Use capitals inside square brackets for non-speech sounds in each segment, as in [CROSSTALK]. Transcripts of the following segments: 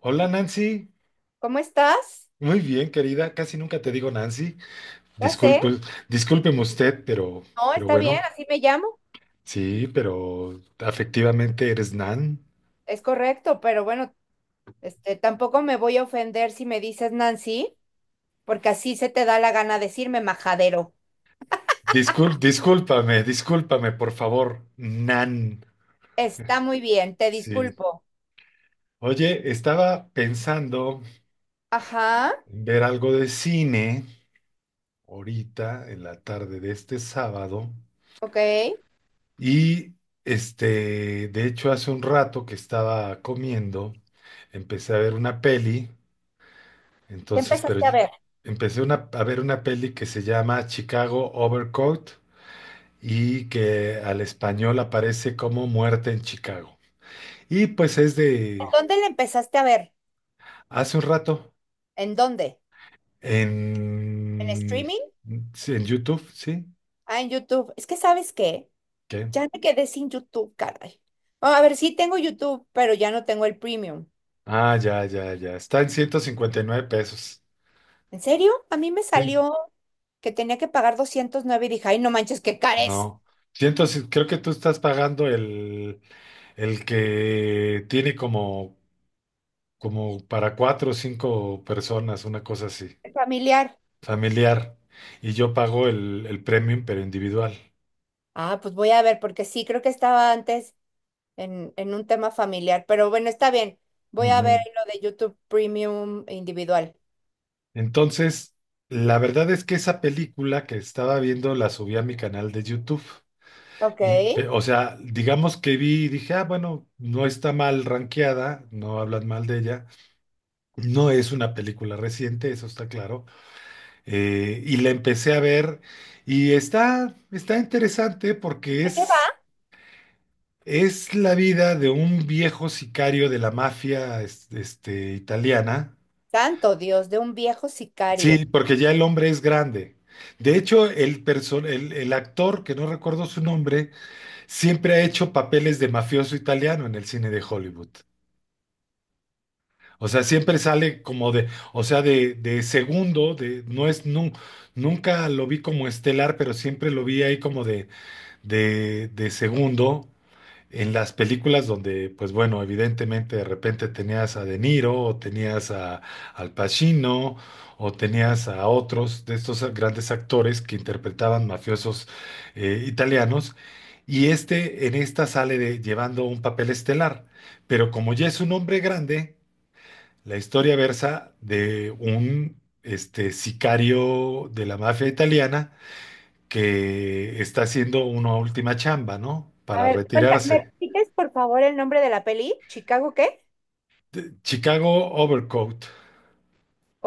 Hola, Nancy. ¿Cómo estás? Muy bien, querida, casi nunca te digo Nancy. Ya sé. Disculpe, discúlpeme usted, pero, No, pero está bien, bueno, así me llamo. sí, pero afectivamente eres Nan. Es correcto, pero bueno, este, tampoco me voy a ofender si me dices Nancy, porque así se te da la gana decirme majadero. Discúlpame, discúlpame, por favor, Nan. Está muy bien, te Sí. disculpo. Oye, estaba pensando Ajá, en ver algo de cine ahorita en la tarde de este sábado. ok. ¿Qué Y de hecho hace un rato que estaba comiendo, empecé a ver una peli. Entonces, empezaste a ver? empecé a ver una peli que se llama Chicago Overcoat y que al español aparece como Muerte en Chicago. Y pues es ¿En de dónde le empezaste a ver? hace un rato ¿En dónde? ¿En en, streaming? sí, en YouTube, ¿sí? Ah, en YouTube. Es que ¿sabes qué? ¿Qué? Ya me quedé sin YouTube, caray. Ah, a ver, sí tengo YouTube, pero ya no tengo el premium. Ah, ya, ya, ya. Está en 159 pesos. ¿En serio? A mí me Sí, salió que tenía que pagar 209 y dije, ay, no manches, qué cares. no. Entonces, creo que tú estás pagando el que tiene como para cuatro o cinco personas, una cosa así. Familiar. Familiar. Y yo pago el premium, pero individual. Ah, pues voy a ver, porque sí, creo que estaba antes en un tema familiar, pero bueno, está bien. Voy a ver Ujú. lo de YouTube Premium individual. Entonces, la verdad es que esa película que estaba viendo la subí a mi canal de YouTube. Ok. ¿De O sea, digamos que vi y dije, ah, bueno, no está mal rankeada, no hablan mal de ella. No es una película reciente, eso está claro. Y la empecé a ver y está interesante porque qué es va? Es la vida de un viejo sicario de la mafia italiana. Santo Dios, de un viejo sicario. Sí, porque ya el hombre es grande. De hecho, el actor, que no recuerdo su nombre, siempre ha hecho papeles de mafioso italiano en el cine de Hollywood. O sea, siempre sale como de, o sea, de segundo, de, no es, nu- nunca lo vi como estelar, pero siempre lo vi ahí como de segundo, en las películas donde, pues bueno, evidentemente de repente tenías a De Niro o tenías a Al Pacino o tenías a otros de estos grandes actores que interpretaban mafiosos italianos. Y en esta sale llevando un papel estelar, pero como ya es un hombre grande, la historia versa de un sicario de la mafia italiana que está haciendo una última chamba, ¿no? A Para ver, cuenta, ¿me retirarse. repites por favor el nombre de la peli? ¿Chicago qué? Chicago Overcoat.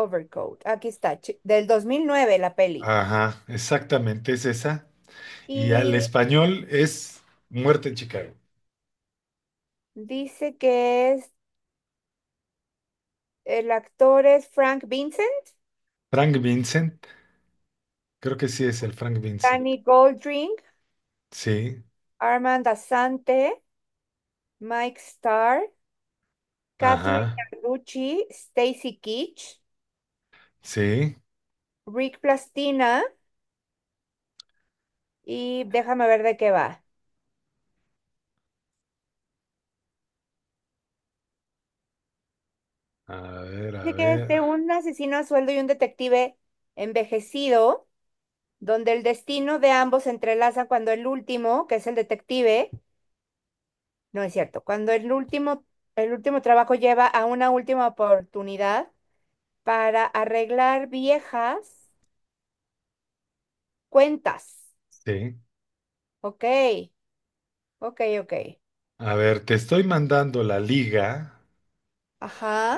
Overcoat. Aquí está, del 2009 la peli. Ajá, exactamente, es esa. Y al Y español es Muerte en Chicago. dice que es el actor es Frank Vincent, Frank Vincent, creo que sí es el Frank Vincent. Danny Goldring, Sí, Armand Asante, Mike Starr, Catherine ajá, Carducci, Stacy Keach, sí. Rick Plastina y déjame ver de qué va. A Dice que es ver, de un asesino a sueldo y un detective envejecido, donde el destino de ambos se entrelaza cuando el último, que es el detective, no es cierto, cuando el último trabajo lleva a una última oportunidad para arreglar viejas cuentas. sí. Ok, ok, ok. A ver, te estoy mandando la liga Ajá,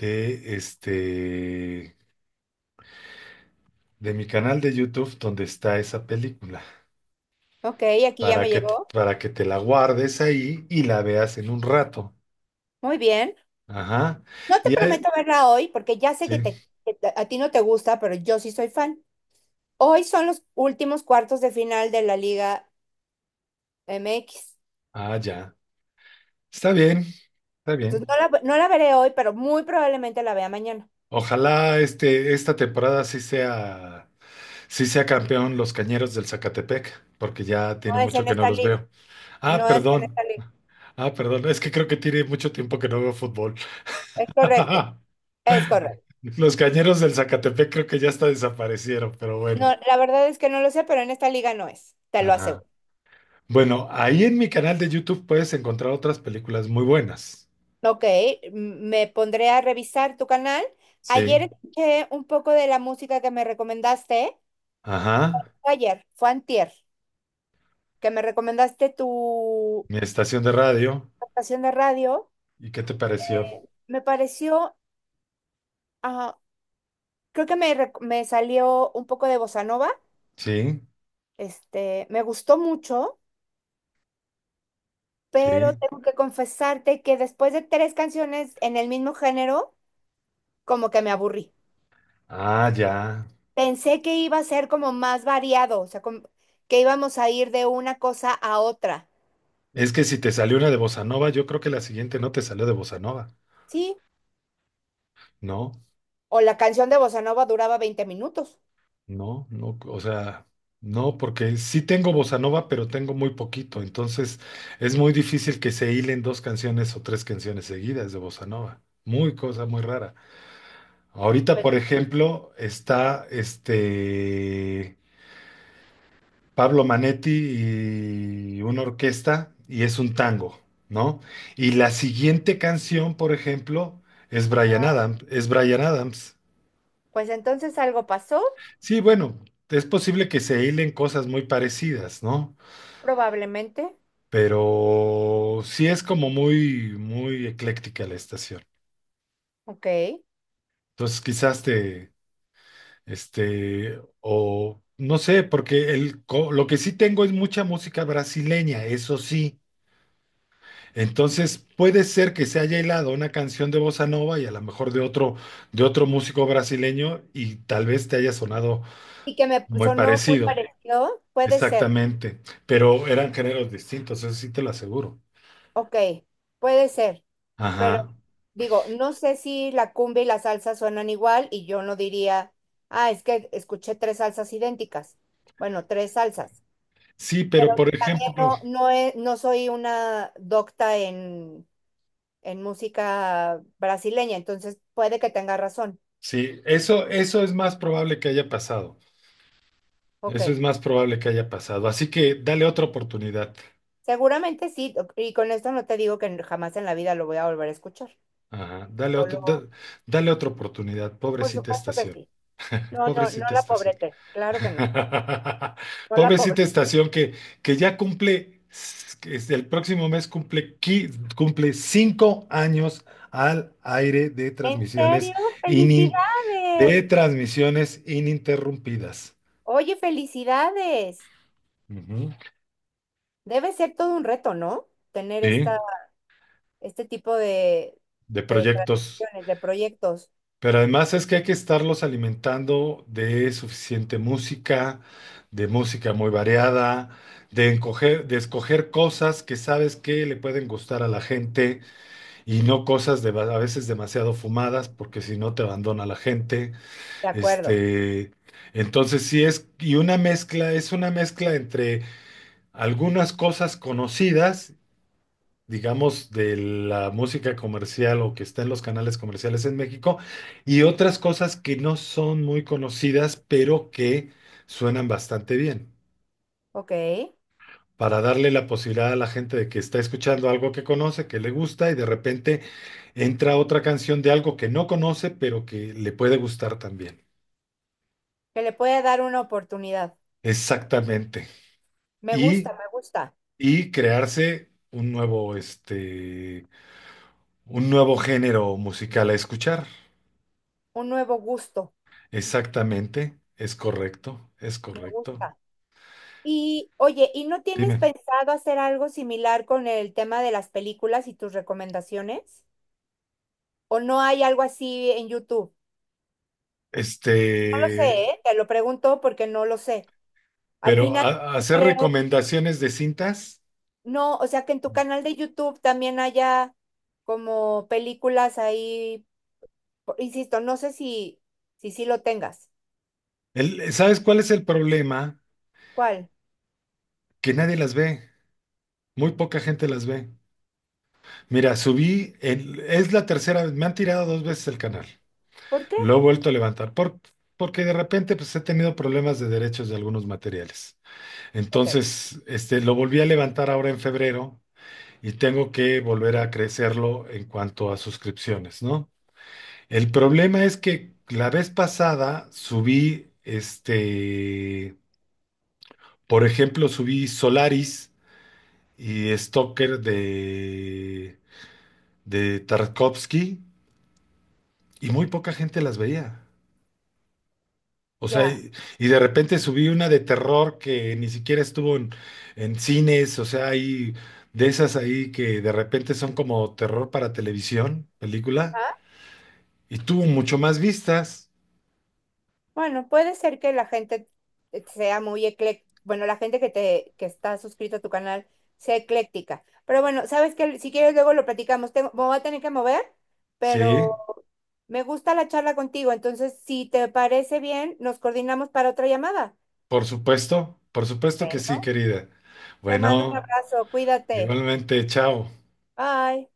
de de mi canal de YouTube donde está esa película, ok, aquí ya para me que, llegó. para que te la guardes ahí y la veas en un rato. Muy bien. Ajá. No te Y, ahí- prometo verla hoy porque ya sé sí, que a ti no te gusta, pero yo sí soy fan. Hoy son los últimos cuartos de final de la Liga MX. ah, ya. Está bien, está bien. Entonces no la veré hoy, pero muy probablemente la vea mañana. Ojalá esta temporada sí sea campeón los Cañeros del Zacatepec, porque ya tiene No es mucho en que no esta los liga, veo. Ah, no es en perdón. esta liga. Ah, perdón. Es que creo que tiene mucho tiempo que no veo fútbol. Es correcto, [LAUGHS] es correcto. Los Cañeros del Zacatepec creo que ya hasta desaparecieron, pero bueno. No, la verdad es que no lo sé, pero en esta liga no es, te lo Ajá. aseguro. Bueno, ahí en mi canal de YouTube puedes encontrar otras películas muy buenas. Ok, me pondré a revisar tu canal. Sí. Ayer escuché un poco de la música que me recomendaste. Ajá. Fue ayer, fue antier, que me recomendaste tu Mi estación de radio. estación de radio. ¿Y qué te pareció? Me pareció, ah, creo que me salió un poco de bossa nova. Sí. Este, me gustó mucho, pero Sí. tengo que confesarte que después de tres canciones en el mismo género, como que me aburrí. Ah, ya. Pensé que iba a ser como más variado, o sea, como que íbamos a ir de una cosa a otra. Es que si te salió una de bossa nova, yo creo que la siguiente no te salió de bossa nova. Sí, No, o la canción de Bossa Nova duraba 20 minutos. no, no. O sea, no, porque sí tengo bossa nova, pero tengo muy poquito. Entonces es muy difícil que se hilen dos canciones o tres canciones seguidas de bossa nova. Muy cosa muy rara. Ahorita, Pues, por ejemplo, está Pablo Manetti y una orquesta y es un tango, ¿no? Y la siguiente canción, por ejemplo, es ajá. Bryan Adams, es Bryan Adams. Pues entonces algo pasó, Sí, bueno, es posible que se hilen cosas muy parecidas, ¿no? probablemente. Pero sí es como muy, muy ecléctica la estación. Ok. Entonces, quizás te, o no sé, porque lo que sí tengo es mucha música brasileña, eso sí. Entonces, puede ser que se haya hilado una canción de bossa nova y a lo mejor de otro, músico brasileño y tal vez te haya sonado Y que me muy sonó muy parecido. parecido. Puede ser. Exactamente. Pero eran géneros distintos, eso sí te lo aseguro. Ok, puede ser. Pero Ajá. digo, no sé si la cumbia y la salsa suenan igual y yo no diría, ah, es que escuché tres salsas idénticas. Bueno, tres salsas. Sí, Pero pero por también ejemplo, no soy una docta en música brasileña, entonces puede que tenga razón. sí, eso es más probable que haya pasado. Ok, Eso es más probable que haya pasado. Así que dale otra oportunidad. seguramente sí, y con esto no te digo que jamás en la vida lo voy a volver a escuchar. Ajá. Solo, Dale otra oportunidad, por pobrecita supuesto que estación. sí. No Pobrecita la estación. pobrete, claro que no, [LAUGHS] no la pobre. Pobrecita estación que ya cumple, el próximo mes cumple, cumple 5 años al aire de ¿En transmisiones, serio? inin- ¡Felicidades! de transmisiones ininterrumpidas. Oye, felicidades. Ujú. Debe ser todo un reto, ¿no? Tener Sí, esta, este tipo de de proyectos. transacciones, de proyectos. Pero además es que hay que estarlos alimentando de suficiente música, de música muy variada, de escoger cosas que sabes que le pueden gustar a la gente y no cosas de, a veces demasiado fumadas, porque si no te abandona la gente. De acuerdo. Este, entonces sí es, y una mezcla, es una mezcla entre algunas cosas conocidas, digamos, de la música comercial o que está en los canales comerciales en México y otras cosas que no son muy conocidas, pero que suenan bastante bien, Ok, que para darle la posibilidad a la gente de que está escuchando algo que conoce, que le gusta y de repente entra otra canción de algo que no conoce, pero que le puede gustar también. le pueda dar una oportunidad. Exactamente. Me Y, gusta, me gusta. y crearse un nuevo, un nuevo género musical a escuchar. Un nuevo gusto. Exactamente, es correcto, es Me correcto. gusta. Y oye, ¿y no tienes Dime, pensado hacer algo similar con el tema de las películas y tus recomendaciones? ¿O no hay algo así en YouTube? No lo sé, este, ¿eh? Te lo pregunto porque no lo sé. Al pero final hacer creo, recomendaciones de cintas, no, o sea que en tu canal de YouTube también haya como películas ahí, insisto, no sé si lo tengas. ¿Sabes cuál es el problema? ¿Cuál? Que nadie las ve, muy poca gente las ve. Mira, subí, es la tercera vez, me han tirado dos veces el canal, ¿Por qué? lo he vuelto a levantar, porque de repente pues he tenido problemas de derechos de algunos materiales. Ok, Entonces, lo volví a levantar ahora en febrero y tengo que volver a crecerlo en cuanto a suscripciones, ¿no? El problema es que la vez pasada subí, por ejemplo, subí Solaris y Stalker de Tarkovsky y muy poca gente las veía. O sea, ya. y de repente subí una de terror que ni siquiera estuvo en cines, o sea, hay de esas ahí que de repente son como terror para televisión, película. Y tuvo mucho más vistas. Bueno, puede ser que la gente sea muy ecléctica, bueno, la gente que te que está suscrita a tu canal sea ecléctica. Pero bueno, sabes que si quieres luego lo platicamos. Tengo, me voy a tener que mover, Sí, pero me gusta la charla contigo. Entonces, si te parece bien, nos coordinamos para otra llamada. Por supuesto que Bueno, sí, querida. te mando un Bueno, abrazo, cuídate. igualmente, chao. Bye.